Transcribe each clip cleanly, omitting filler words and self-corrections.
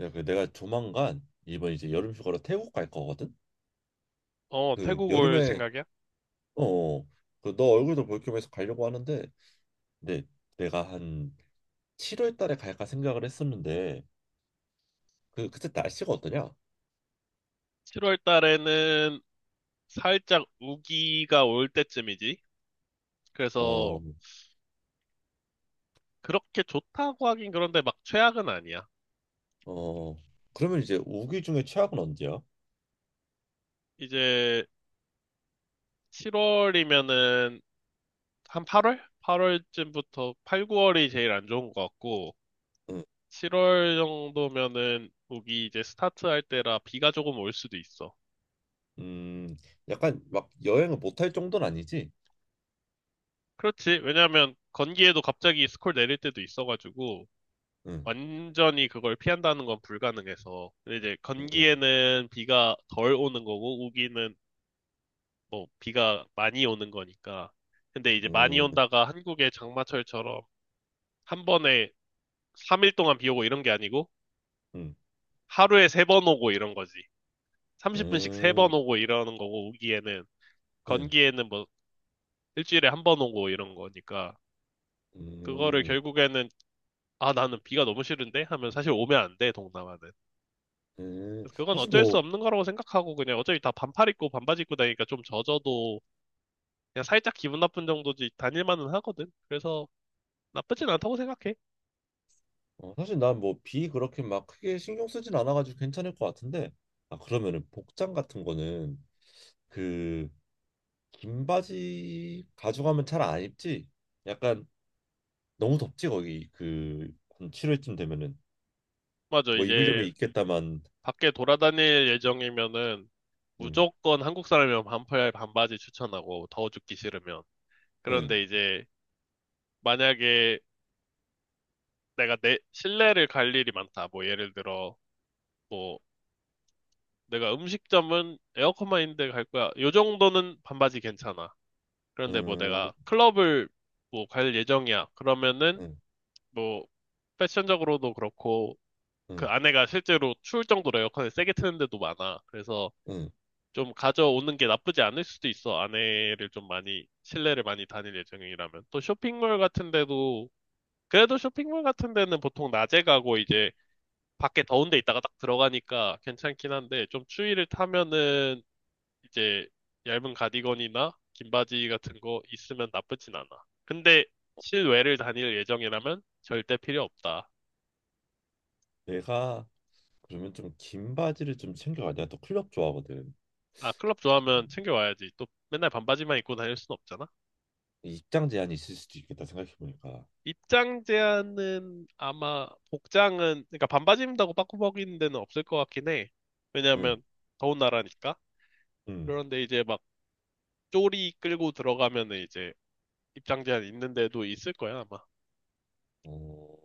야, 그 내가 조만간 이번 이제 여름 휴가로 태국 갈 거거든. 어, 그 태국 올 여름에 생각이야? 어, 그너 얼굴도 볼 겸해서 가려고 하는데, 근데 내가 한 7월 달에 갈까 생각을 했었는데, 그 그때 날씨가 어떠냐? 7월 달에는 살짝 우기가 올 때쯤이지. 어, 그래서 그렇게 좋다고 하긴 그런데 막 최악은 아니야. 어, 그러면 이제 우기 중에 최악은 언제야? 이제 7월이면은 한 8월? 8월쯤부터 8, 9월이 제일 안 좋은 것 같고 응, 7월 정도면은 우기 이제 스타트할 때라 비가 조금 올 수도 있어. 음, 약간 막 여행을 못 할 정도는 아니지? 그렇지. 왜냐면 건기에도 갑자기 스콜 내릴 때도 있어가지고 응, 완전히 그걸 피한다는 건 불가능해서. 근데 이제 음, 건기에는 비가 덜 오는 거고, 우기는 뭐 비가 많이 오는 거니까. 근데 이제 많이 음, 온다가 한국의 장마철처럼 한 번에 3일 동안 비 오고 이런 게 아니고, 음, 하루에 3번 오고 이런 거지. 음, 30분씩 3번 음. 오고 이러는 거고, 우기에는. 건기에는 뭐 일주일에 한 번 오고 이런 거니까. 음, 그거를 음. 결국에는, 아, 나는 비가 너무 싫은데? 하면 사실 오면 안 돼, 동남아는. 그래서 그건 사실 어쩔 수 뭐 없는 거라고 생각하고 그냥 어차피 다 반팔 입고 반바지 입고 다니니까 좀 젖어도 그냥 살짝 기분 나쁜 정도지 다닐만은 하거든. 그래서 나쁘진 않다고 생각해. 어, 사실 난 뭐 비 그렇게 막 크게 신경 쓰진 않아가지고 괜찮을 것 같은데. 아 그러면은 복장 같은 거는 그 긴 바지 가져가면 잘 안 입지? 약간 너무 덥지 거기 그 한 7월쯤 되면은. 맞아. 뭐 입으려면 이제 입겠다만. 밖에 돌아다닐 예정이면은 무조건 한국 사람이면 반팔 반바지 추천하고 더워 죽기 싫으면. 그런데 이제 만약에 내가 내 실내를 갈 일이 많다. 뭐 예를 들어 뭐 내가 음식점은 에어컨만 있는데 갈 거야. 요 정도는 반바지 괜찮아. 그런데 응응응 뭐 응 응 내가 응. 클럽을 뭐 갈 예정이야. 그러면은 뭐 패션적으로도 그렇고 그 아내가 실제로 추울 정도로 에어컨을 세게 트는 데도 많아. 그래서 좀 가져오는 게 나쁘지 않을 수도 있어. 아내를 좀 많이 실내를 많이 다닐 예정이라면. 또 쇼핑몰 같은 데도 그래도 쇼핑몰 같은 데는 보통 낮에 가고 이제 밖에 더운 데 있다가 딱 들어가니까 괜찮긴 한데 좀 추위를 타면은 이제 얇은 가디건이나 긴 바지 같은 거 있으면 나쁘진 않아. 근데 실외를 다닐 예정이라면 절대 필요 없다. 내가 그러면 좀 긴 바지를 좀 챙겨가. 내가 또 클럽 좋아하거든. 아, 클럽 좋아하면 음, 챙겨와야지. 또 맨날 반바지만 입고 다닐 순 없잖아. 입장 제한이 있을 수도 있겠다 생각해보니까. 입장 제한은 아마 복장은 그러니까 반바지 입는다고 빠꾸벅이는 데는 없을 것 같긴 해. 왜냐하면 더운 나라니까. 응응. 그런데 이제 막 쪼리 끌고 들어가면은 이제 입장 제한 있는 데도 있을 거야, 아마. 어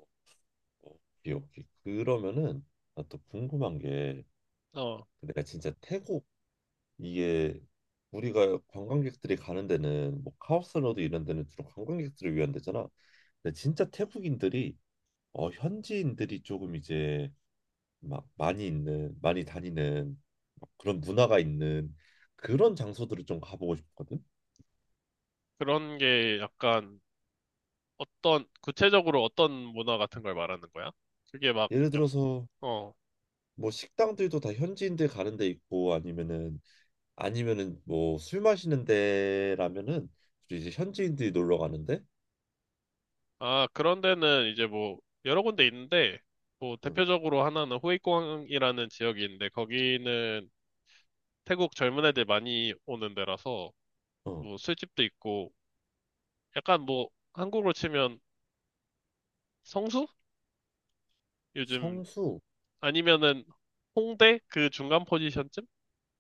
오케이, 오케이. 그러면은 나 또 궁금한 게, 어. 내가 진짜 태국 이게 우리가 관광객들이 가는 데는 뭐 카오스로드 이런 데는 주로 관광객들을 위한 데잖아. 근데 진짜 태국인들이 어 현지인들이 조금 이제 막 많이 있는 많이 다니는 막 그런 문화가 있는 그런 장소들을 좀 가보고 싶거든. 그런 게 약간 어떤, 구체적으로 어떤 문화 같은 걸 말하는 거야? 그게 막 예를 역, 들어서 어. 뭐 식당들도 다 현지인들 가는 데 있고, 아니면은 아니면은 뭐 술 마시는 데라면은 주로 이제 현지인들이 놀러 가는데. 아, 그런 데는 이제 뭐, 여러 군데 있는데, 뭐, 응, 대표적으로 하나는 호이공항이라는 지역이 있는데, 거기는 태국 젊은 애들 많이 오는 데라서, 어 뭐, 술집도 있고, 약간 뭐, 한국으로 치면 성수? 요즘, 성수. 아니면은 홍대? 그 중간 포지션쯤?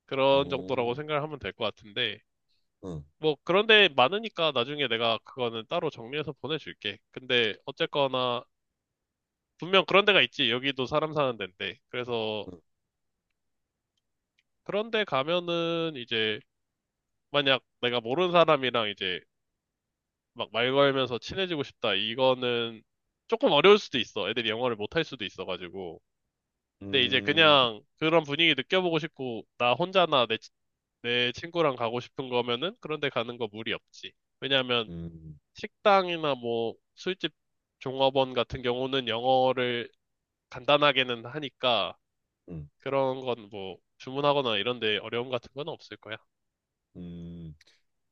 그런 정도라고 생각을 하면 될 것 같은데, 뭐 그런데 많으니까 나중에 내가 그거는 따로 정리해서 보내줄게. 근데 어쨌거나 분명 그런 데가 있지. 여기도 사람 사는 데인데. 그래서 그런 데 가면은 이제 만약 내가 모르는 사람이랑 이제 막 말 걸면서 친해지고 싶다. 이거는 조금 어려울 수도 있어. 애들이 영어를 못 할 수도 있어가지고. 근데 이제 어응응음음음음. 그냥 그런 분위기 느껴보고 싶고 나 혼자나 내 친구랑 가고 싶은 거면은 그런 데 가는 거 무리 없지. 왜냐면 식당이나 뭐 술집 종업원 같은 경우는 영어를 간단하게는 하니까 그런 건 뭐 주문하거나 이런 데 어려움 같은 건 없을 거야.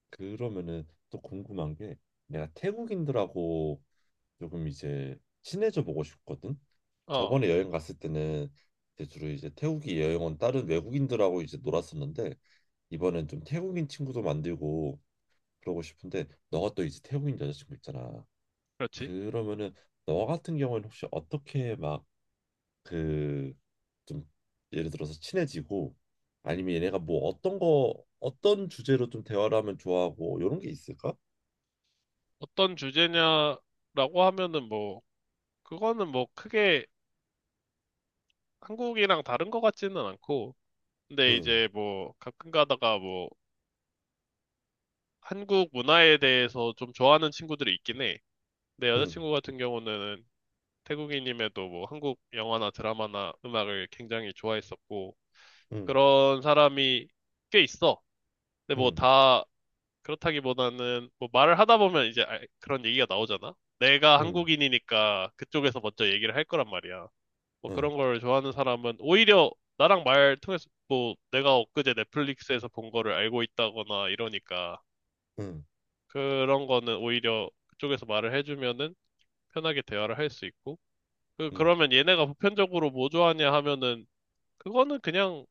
그러면은 또 궁금한 게, 내가 태국인들하고 조금 이제 친해져 보고 싶거든. 어, 저번에 여행 갔을 때는 이제 주로 이제 태국이 여행 온 다른 외국인들하고 이제 놀았었는데, 이번엔 좀 태국인 친구도 만들고 그러고 싶은데 너가 또 이제 태국인 여자친구 있잖아. 그렇지. 그러면은 너 같은 경우에는 혹시 어떻게 막 그 좀 예를 들어서 친해지고 아니면 얘네가 뭐 어떤 거 어떤 주제로 좀 대화를 하면 좋아하고 이런 게 있을까? 어떤 주제냐라고 하면은 뭐 그거는 뭐 크게 한국이랑 다른 것 같지는 않고 근데 응, 이제 뭐 가끔 가다가 뭐 한국 문화에 대해서 좀 좋아하는 친구들이 있긴 해. 내 응, 여자친구 같은 경우는 태국인임에도 뭐 한국 영화나 드라마나 음악을 굉장히 좋아했었고 응, 그런 사람이 꽤 있어. 근데 뭐 응, 다 그렇다기보다는 뭐 말을 하다 보면 이제 그런 얘기가 나오잖아. 내가 응, 한국인이니까 그쪽에서 먼저 얘기를 할 거란 말이야. 뭐 응, 그런 걸 좋아하는 사람은 오히려 나랑 말 통해서 뭐 내가 엊그제 넷플릭스에서 본 거를 알고 있다거나 이러니까 응, 그런 거는 오히려 그쪽에서 말을 해주면은 편하게 대화를 할 수 있고 그 응, 그러면 얘네가 보편적으로 뭐 좋아하냐 하면은 그거는 그냥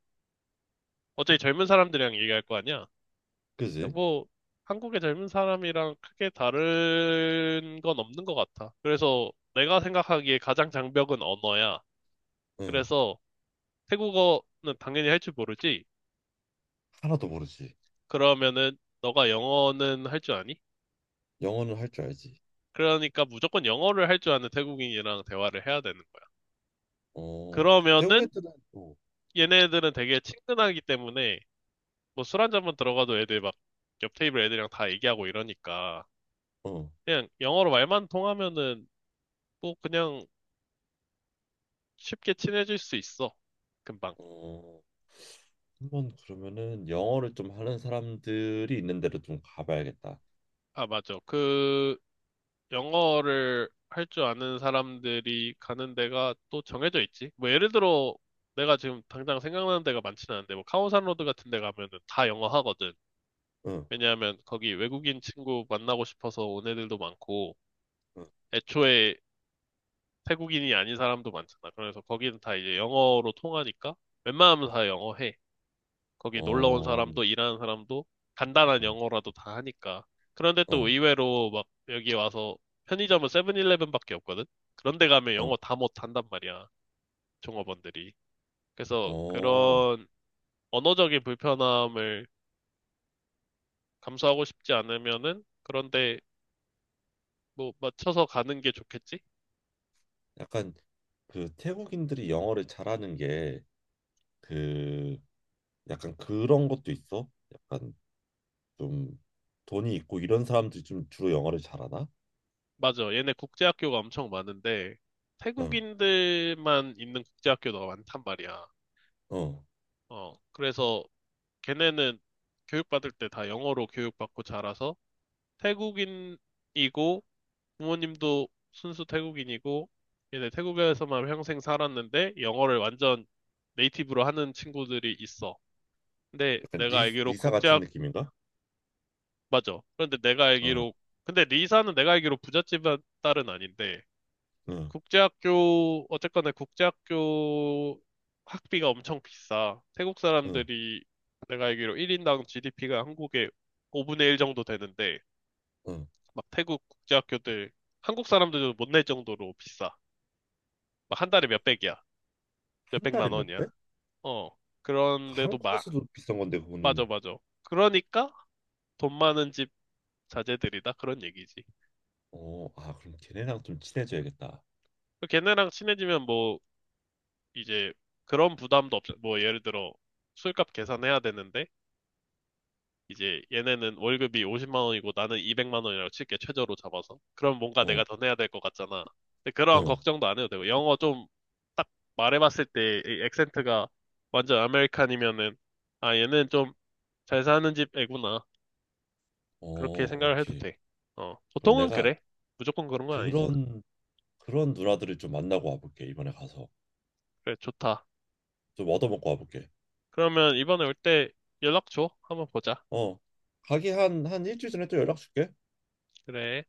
어차피 젊은 사람들이랑 얘기할 거 아니야. 그지? 뭐 한국의 젊은 사람이랑 크게 다른 건 없는 것 같아. 그래서 내가 생각하기에 가장 장벽은 언어야. 응, 그래서 태국어는 당연히 할 줄 모르지. 하나도 모르지. 그러면은 너가 영어는 할 줄 아니? 영어는 할줄 알지. 그러니까 무조건 영어를 할 줄 아는 태국인이랑 대화를 해야 되는 거야. 어, 태국 그러면은 애들은 어, 얘네들은 되게 친근하기 때문에 뭐 술 한잔만 들어가도 애들 막 옆 테이블 애들이랑 다 얘기하고 이러니까 어, 그냥 영어로 말만 통하면은 뭐 그냥 쉽게 친해질 수 있어. 금방. 어. 한 번 그러면은 영어를 좀 하는 사람들이 있는 데로 좀 가봐야겠다. 아, 맞아. 그 영어를 할 줄 아는 사람들이 가는 데가 또 정해져 있지. 뭐 예를 들어 내가 지금 당장 생각나는 데가 많지는 않은데 뭐 카오산 로드 같은 데 가면은 다 영어 하거든. 응, 왜냐하면 거기 외국인 친구 만나고 싶어서 온 애들도 많고 응, 애초에 태국인이 아닌 사람도 많잖아. 그래서 거기는 다 이제 영어로 통하니까 웬만하면 다 영어 해. 거기 놀러 온 어, 사람도 일하는 사람도 간단한 응, 영어라도 다 하니까. 그런데 또 어, 의외로 막 여기 와서 편의점은 세븐일레븐밖에 없거든? 그런데 가면 어, 영어 다 못한단 말이야, 종업원들이. 그래서 어. 그런 언어적인 불편함을 감수하고 싶지 않으면은 그런데 뭐 맞춰서 가는 게 좋겠지? 약간 그 태국인들이 영어를 잘하는 게 그 약간 그런 것도 있어. 약간 좀 돈이 있고 이런 사람들이 좀 주로 영어를 잘하나? 맞아. 얘네 국제학교가 엄청 많은데 응, 태국인들만 있는 국제학교가 많단 말이야. 어. 어, 그래서 걔네는 교육받을 때 다 영어로 교육받고 자라서 태국인이고 부모님도 순수 태국인이고 얘네 태국에서만 평생 살았는데 영어를 완전 네이티브로 하는 친구들이 있어. 근데 약간 내가 리, 알기로 리사 같은 국제학 느낌인가? 맞아. 그런데 내가 응, 알기로 근데 리사는 내가 알기로 부잣집 딸은 아닌데 응, 국제학교, 어쨌거나 국제학교 학비가 엄청 비싸. 태국 응, 사람들이 내가 알기로 1인당 GDP가 한국의 5분의 1 정도 되는데, 응. 막 태국 국제학교들, 한국 사람들도 못 낼 정도로 비싸. 막 한 달에 몇백이야. 한 달에 몇백만 몇 배? 원이야. 어. 그 그런데도 마, 한국에서도 비싼 건데 맞아, 그거는. 맞아. 그러니까 돈 많은 집 자제들이다. 그런 얘기지. 어, 아, 그럼 걔네랑 좀 친해져야겠다. 걔네랑 친해지면 뭐, 이제 그런 부담도 없어. 뭐, 예를 들어, 술값 계산해야 되는데, 이제 얘네는 월급이 50만 원이고 나는 200만 원이라고 칠게 최저로 잡아서. 그럼 뭔가 어, 내가 더 내야 될 것 같잖아. 근데 그런 어, 걱정도 안 해도 되고 영어 좀 딱 말해봤을 때이 액센트가 완전 아메리칸이면은 아 얘는 좀 잘 사는 집 애구나 어, 그렇게 생각을 해도 오케이. 돼. 어 그럼 보통은 내가 그래. 무조건 그런 건 아니지만 그런 그런 누나들을 좀 만나고 와볼게. 이번에 가서 그래 좋다. 좀 얻어먹고 와볼게. 그러면 이번에 올 때 연락 줘. 한번 보자. 어, 가기 한 한 일주일 전에 또 연락 줄게. 그래.